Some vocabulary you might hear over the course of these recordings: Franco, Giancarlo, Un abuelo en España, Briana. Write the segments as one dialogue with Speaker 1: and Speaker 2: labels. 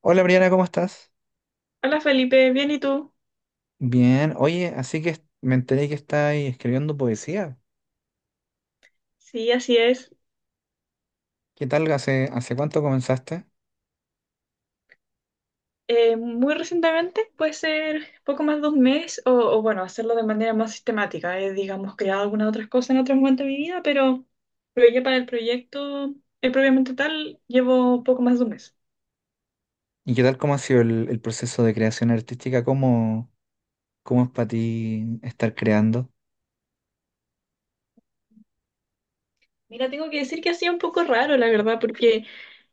Speaker 1: Hola Briana, ¿cómo estás?
Speaker 2: Hola Felipe, bien, ¿y tú?
Speaker 1: Bien, oye, así que me enteré que estáis escribiendo poesía.
Speaker 2: Sí, así es.
Speaker 1: ¿Qué tal? ¿Hace cuánto comenzaste?
Speaker 2: Muy recientemente, puede ser poco más de un mes, o bueno, hacerlo de manera más sistemática. He, digamos, creado algunas otras cosas en otros momentos de mi vida, pero ya para el proyecto, propiamente tal, llevo poco más de un mes.
Speaker 1: ¿Y qué tal cómo ha sido el proceso de creación artística? ¿Cómo es para ti estar creando?
Speaker 2: Mira, tengo que decir que ha sido un poco raro, la verdad, porque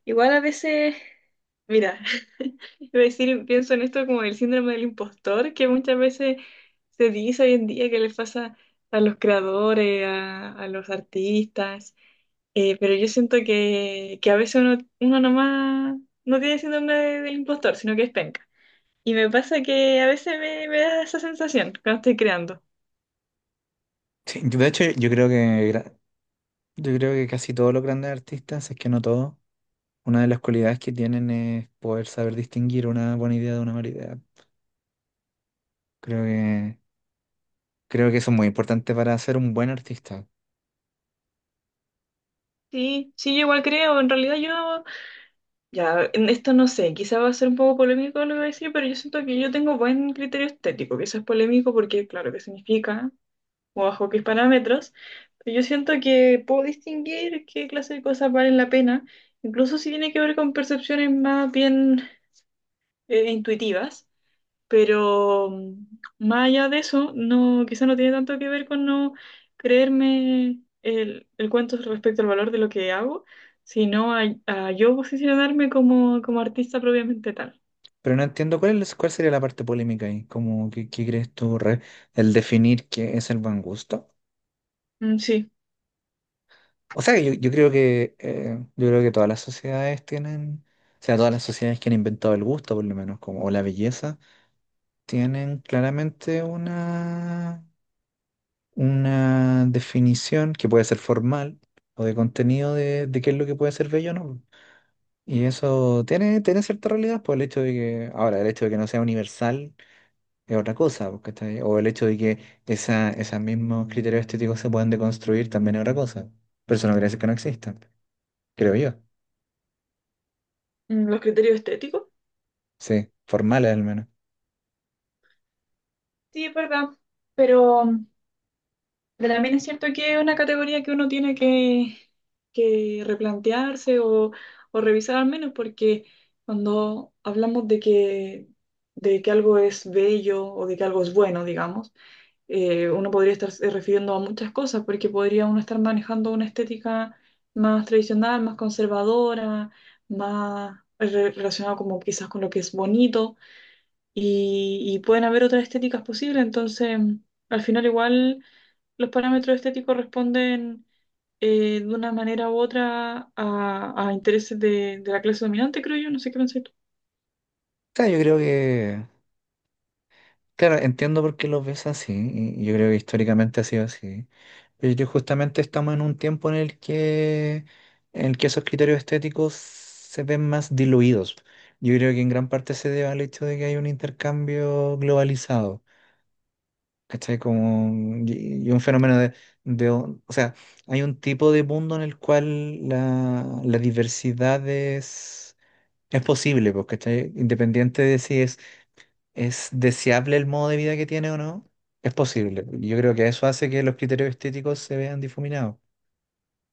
Speaker 2: igual a veces, mira, iba a decir, pienso en esto como el síndrome del impostor, que muchas veces se dice hoy en día que les pasa a los creadores, a los artistas, pero yo siento que a veces uno nomás no tiene síndrome del impostor, sino que es penca. Y me pasa que a veces me da esa sensación cuando estoy creando.
Speaker 1: Sí, de hecho, yo creo que casi todos los grandes artistas, si es que no todos, una de las cualidades que tienen es poder saber distinguir una buena idea de una mala idea. Creo que, creo que eso es muy importante para ser un buen artista.
Speaker 2: Sí, sí, yo igual creo, en realidad yo ya, en esto no sé, quizá va a ser un poco polémico lo que voy a decir, pero yo siento que yo tengo buen criterio estético, que eso es polémico porque, claro, ¿qué significa? O bajo qué parámetros. Pero yo siento que puedo distinguir qué clase de cosas valen la pena, incluso si tiene que ver con percepciones más bien intuitivas. Pero más allá de eso, no, quizá no tiene tanto que ver con no creerme el cuento respecto al valor de lo que hago, sino a yo posicionarme como, como artista propiamente tal.
Speaker 1: Pero no entiendo cuál es, cuál sería la parte polémica ahí, como qué crees tú, el definir qué es el buen gusto.
Speaker 2: Mm, sí.
Speaker 1: O sea, yo creo que todas las sociedades tienen, o sea, todas las sociedades que han inventado el gusto, por lo menos, como, o la belleza, tienen claramente una definición que puede ser formal o de contenido de qué es lo que puede ser bello o no. Y eso tiene cierta realidad, por el hecho de que, ahora, el hecho de que no sea universal. Es otra cosa, pues, ¿cachai? O el hecho de que esos mismos criterios estéticos se puedan deconstruir también es otra cosa. Pero eso no quiere decir que no existan, creo yo.
Speaker 2: Mm, los criterios estéticos.
Speaker 1: Sí, formales al menos. O
Speaker 2: Sí, es verdad. Pero Pero también es cierto que es una categoría que uno tiene que replantearse o revisar al menos, porque cuando hablamos de de que algo es bello o de que algo es bueno, digamos, uno podría estarse refiriendo a muchas cosas, porque podría uno estar manejando una estética más tradicional, más conservadora, más relacionada como quizás con lo que es bonito, y pueden haber otras estéticas posibles, entonces al final igual los parámetros estéticos responden de una manera u otra a intereses de la clase dominante, creo yo, no sé qué pensás tú.
Speaker 1: sea, yo creo que, claro, entiendo por qué los ves así, y yo creo que históricamente ha sido así. Pero yo creo que justamente estamos en un tiempo en el que esos criterios estéticos se ven más diluidos. Yo creo que en gran parte se debe al hecho de que hay un intercambio globalizado. ¿Cachai? Como, y un fenómeno o sea, hay un tipo de mundo en el cual la diversidad es posible, pues, ¿cachai? Independiente de si es deseable el modo de vida que tiene o no, es posible. Yo creo que eso hace que los criterios estéticos se vean difuminados.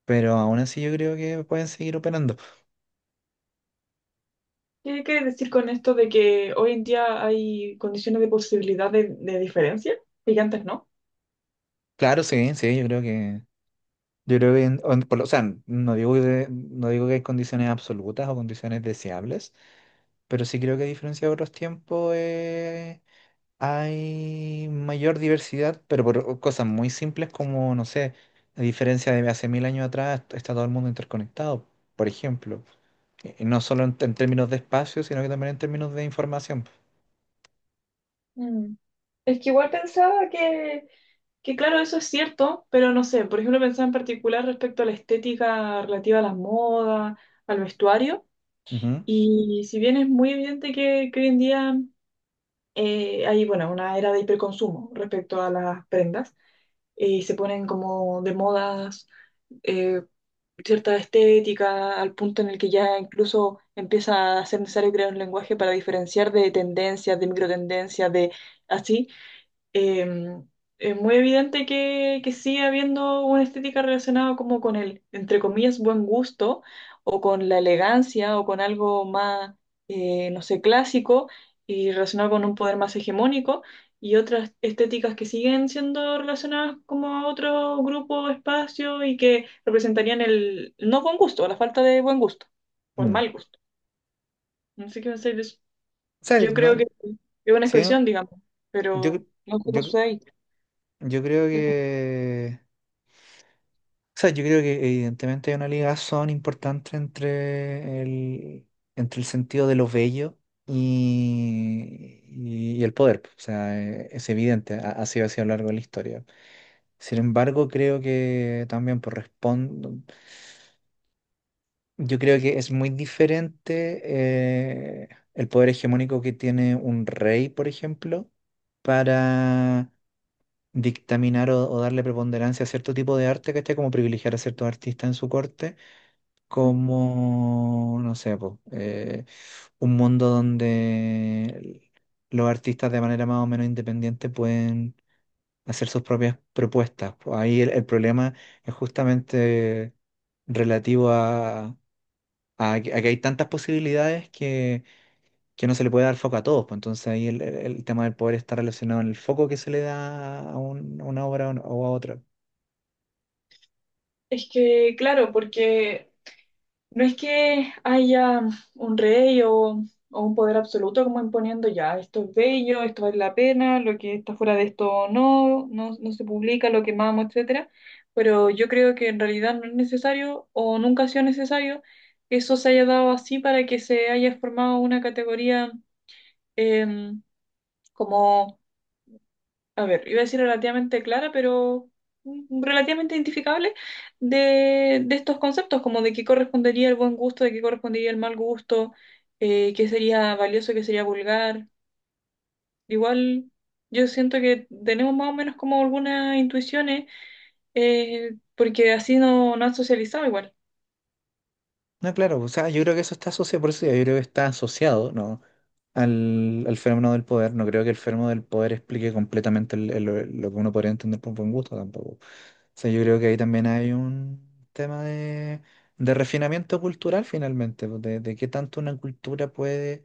Speaker 1: Pero aún así yo creo que pueden seguir operando.
Speaker 2: ¿Qué quieres decir con esto de que hoy en día hay condiciones de posibilidad de diferencia y que antes no?
Speaker 1: Claro, sí, sí, yo creo que... Yo creo que, en- o, en- por lo- o sea, no digo, no digo que hay condiciones absolutas o condiciones deseables. Pero sí creo que a diferencia de otros tiempos hay mayor diversidad, pero por cosas muy simples como, no sé, a diferencia de hace mil años atrás, está todo el mundo interconectado, por ejemplo. Y no solo en términos de espacio, sino que también en términos de información.
Speaker 2: Mm. Es que igual pensaba que, claro, eso es cierto, pero no sé, por ejemplo, pensaba en particular respecto a la estética relativa a las modas, al vestuario,
Speaker 1: Ujú.
Speaker 2: y si bien es muy evidente que hoy en día hay, bueno, una era de hiperconsumo respecto a las prendas y se ponen como de modas eh, cierta estética al punto en el que ya incluso empieza a ser necesario crear un lenguaje para diferenciar de tendencias, de microtendencias, de así em, es muy evidente que sigue habiendo una estética relacionada como con el, entre comillas, buen gusto o con la elegancia o con algo más, no sé, clásico y relacionado con un poder más hegemónico y otras estéticas que siguen siendo relacionadas como a otro grupo, espacio y que representarían el no buen gusto, la falta de buen gusto o el
Speaker 1: Mm.
Speaker 2: mal gusto. No sé qué pensáis de eso.
Speaker 1: O sea,
Speaker 2: Yo
Speaker 1: no,
Speaker 2: creo que es una
Speaker 1: sí, no,
Speaker 2: expresión, digamos,
Speaker 1: yo,
Speaker 2: pero
Speaker 1: cre-
Speaker 2: no sé cómo
Speaker 1: yo, cre-
Speaker 2: sucede ahí.
Speaker 1: yo creo que o sea, yo creo que evidentemente hay una ligazón importante entre el sentido de lo bello y el poder, pues. O sea, es evidente, ha sido así a lo largo de la historia. Sin embargo, creo que también yo creo que es muy diferente el poder hegemónico que tiene un rey, por ejemplo, para dictaminar o darle preponderancia a cierto tipo de arte, ¿cachai? Como privilegiar a ciertos artistas en su corte como, no sé, po, un mundo donde los artistas de manera más o menos independiente pueden hacer sus propias propuestas, po. Ahí el problema es justamente relativo a, a que hay tantas posibilidades que no se le puede dar foco a todos, po. Entonces ahí el, el tema del poder está relacionado en el foco que se le da a una obra o a otra.
Speaker 2: Es que, claro, porque no es que haya un rey o un poder absoluto como imponiendo ya, esto es bello, esto vale la pena, lo que está fuera de esto no, no, no se publica, lo quemamos, etcétera. Pero yo creo que en realidad no es necesario o nunca ha sido necesario que eso se haya dado así para que se haya formado una categoría em, como a ver, iba a decir relativamente clara, pero relativamente identificable de estos conceptos, como de qué correspondería el buen gusto, de qué correspondería el mal gusto, qué sería valioso, qué sería vulgar. Igual yo siento que tenemos más o menos como algunas intuiciones, porque así no, no han socializado igual.
Speaker 1: No, claro, o sea, yo creo que eso está asociado, por eso digo, yo creo que está asociado, ¿no? Al fenómeno del poder. No creo que el fenómeno del poder explique completamente lo que uno podría entender por buen gusto tampoco. O sea, yo creo que ahí también hay un tema de refinamiento cultural finalmente, pues, de qué tanto una cultura puede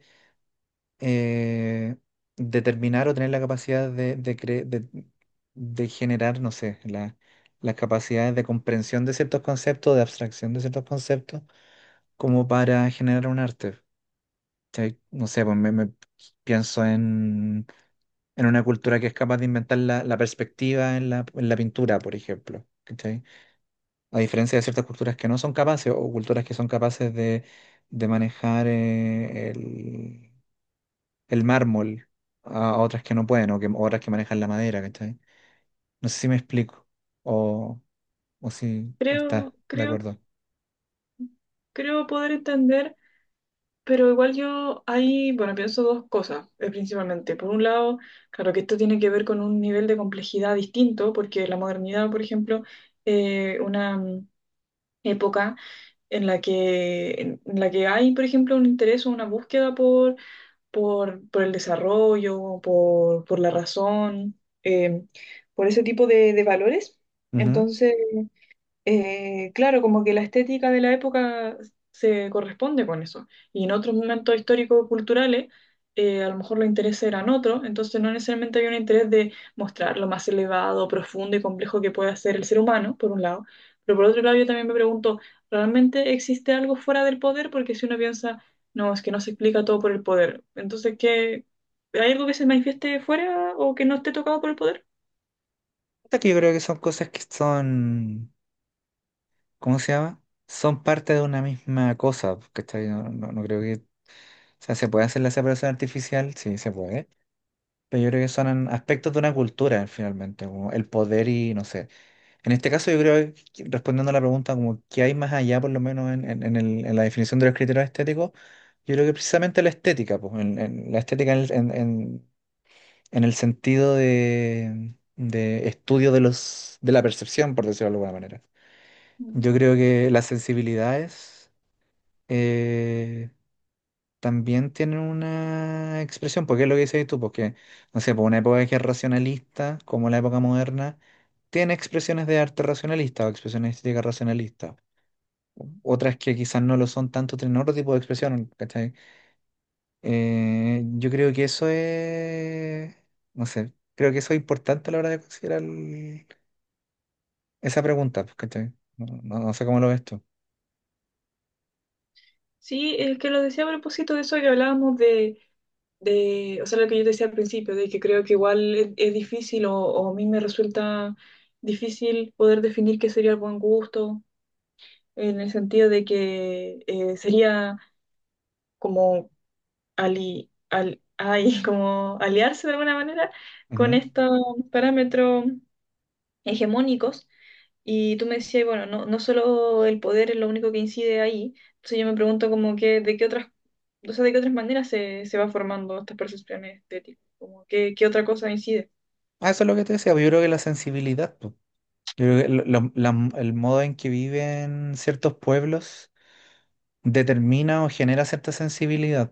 Speaker 1: eh, determinar o tener la capacidad de generar, no sé, las capacidades de comprensión de ciertos conceptos, de abstracción de ciertos conceptos como para generar un arte. ¿Cachai? No sé, pues me pienso en una cultura que es capaz de inventar la perspectiva en la pintura, por ejemplo. ¿Cachai? A diferencia de ciertas culturas que no son capaces o culturas que son capaces de manejar el mármol a otras que no pueden o que, o otras que manejan la madera. ¿Cachai? No sé si me explico o, o si estás
Speaker 2: Creo,
Speaker 1: de
Speaker 2: creo,
Speaker 1: acuerdo.
Speaker 2: creo poder entender. Pero igual yo ahí, bueno, pienso dos cosas, principalmente. Por un lado, claro que esto tiene que ver con un nivel de complejidad distinto, porque la modernidad, por ejemplo, una época en la que hay, por ejemplo, un interés o una búsqueda por el desarrollo, por la razón, eh, por ese tipo de valores.
Speaker 1: Ujú.
Speaker 2: Entonces, claro, como que la estética de la época se corresponde con eso. Y en otros momentos históricos culturales, a lo mejor los intereses eran otros, entonces no necesariamente había un interés de mostrar lo más elevado, profundo y complejo que puede ser el ser humano, por un lado. Pero por otro lado, yo también me pregunto, ¿realmente existe algo fuera del poder? Porque si uno piensa, no, es que no se explica todo por el poder. Entonces, ¿qué? ¿Hay algo que se manifieste fuera o que no esté tocado por el poder?
Speaker 1: Hasta que yo creo que son cosas que son... ¿Cómo se llama? Son parte de una misma cosa, ¿cachai? No, no, no creo que, o sea, se puede hacer la separación artificial, sí, se puede, pero yo creo que son aspectos de una cultura, finalmente, como el poder y, no sé. En este caso, yo creo, que, respondiendo a la pregunta, como qué hay más allá, por lo menos en, en la definición de los criterios estéticos, yo creo que precisamente la estética, pues, la estética en el sentido de estudio de la percepción, por decirlo de alguna manera. Yo creo que las sensibilidades eh, también tienen una expresión, porque es lo que dices tú, porque, no sé, por una época que es racionalista, como la época moderna, tiene expresiones de arte racionalista o expresiones estéticas racionalistas. Otras que quizás no lo son tanto, tienen otro tipo de expresión, ¿cachai? Yo creo que eso es, no sé, creo que eso es importante a la hora de considerar esa pregunta, pues, ¿cachai? No sé cómo lo ves tú.
Speaker 2: Sí, es que lo decía a propósito de eso que hablábamos de, o sea, lo que yo decía al principio, de que creo que igual es difícil o a mí me resulta difícil poder definir qué sería el buen gusto, en el sentido de que sería como, ali, al, ay, como aliarse de alguna manera con
Speaker 1: Ujú.
Speaker 2: estos parámetros hegemónicos y tú me decías, bueno, no, no solo el poder es lo único que incide ahí. Entonces yo me pregunto como que, ¿de qué otras, o sea, de qué otras maneras se, se va formando estas percepciones estéticas? Como que, ¿qué otra cosa incide?
Speaker 1: Ah, eso es lo que te decía, pues, yo creo que la sensibilidad, pues. Yo creo que el modo en que viven ciertos pueblos determina o genera cierta sensibilidad.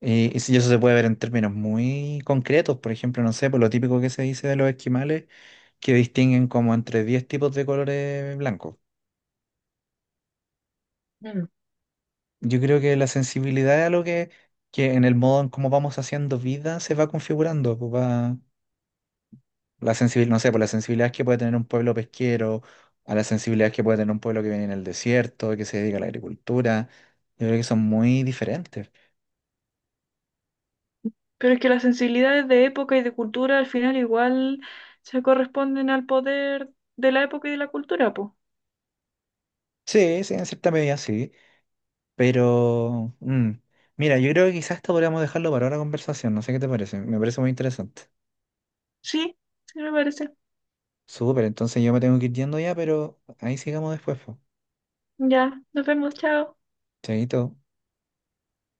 Speaker 1: Y si eso se puede ver en términos muy concretos, por ejemplo, no sé, por lo típico que se dice de los esquimales, que distinguen como entre 10 tipos de colores blancos.
Speaker 2: Mm.
Speaker 1: Yo creo que la sensibilidad es algo que en el modo en cómo vamos haciendo vida se va configurando, pues va. La sensibilidad, no sé, por la sensibilidad que puede tener un pueblo pesquero, a la sensibilidad que puede tener un pueblo que viene en el desierto, que se dedica a la agricultura, yo creo que son muy diferentes.
Speaker 2: Pero es que las sensibilidades de época y de cultura al final igual se corresponden al poder de la época y de la cultura, pues.
Speaker 1: Sí, sí, en cierta medida sí, pero mira, yo creo que quizás esto podríamos dejarlo para otra conversación, no sé qué te parece, me parece muy interesante.
Speaker 2: Sí, sí me parece.
Speaker 1: Súper, entonces yo me tengo que ir yendo ya, pero ahí sigamos después, pues.
Speaker 2: Ya, nos vemos, chao.
Speaker 1: Chaito.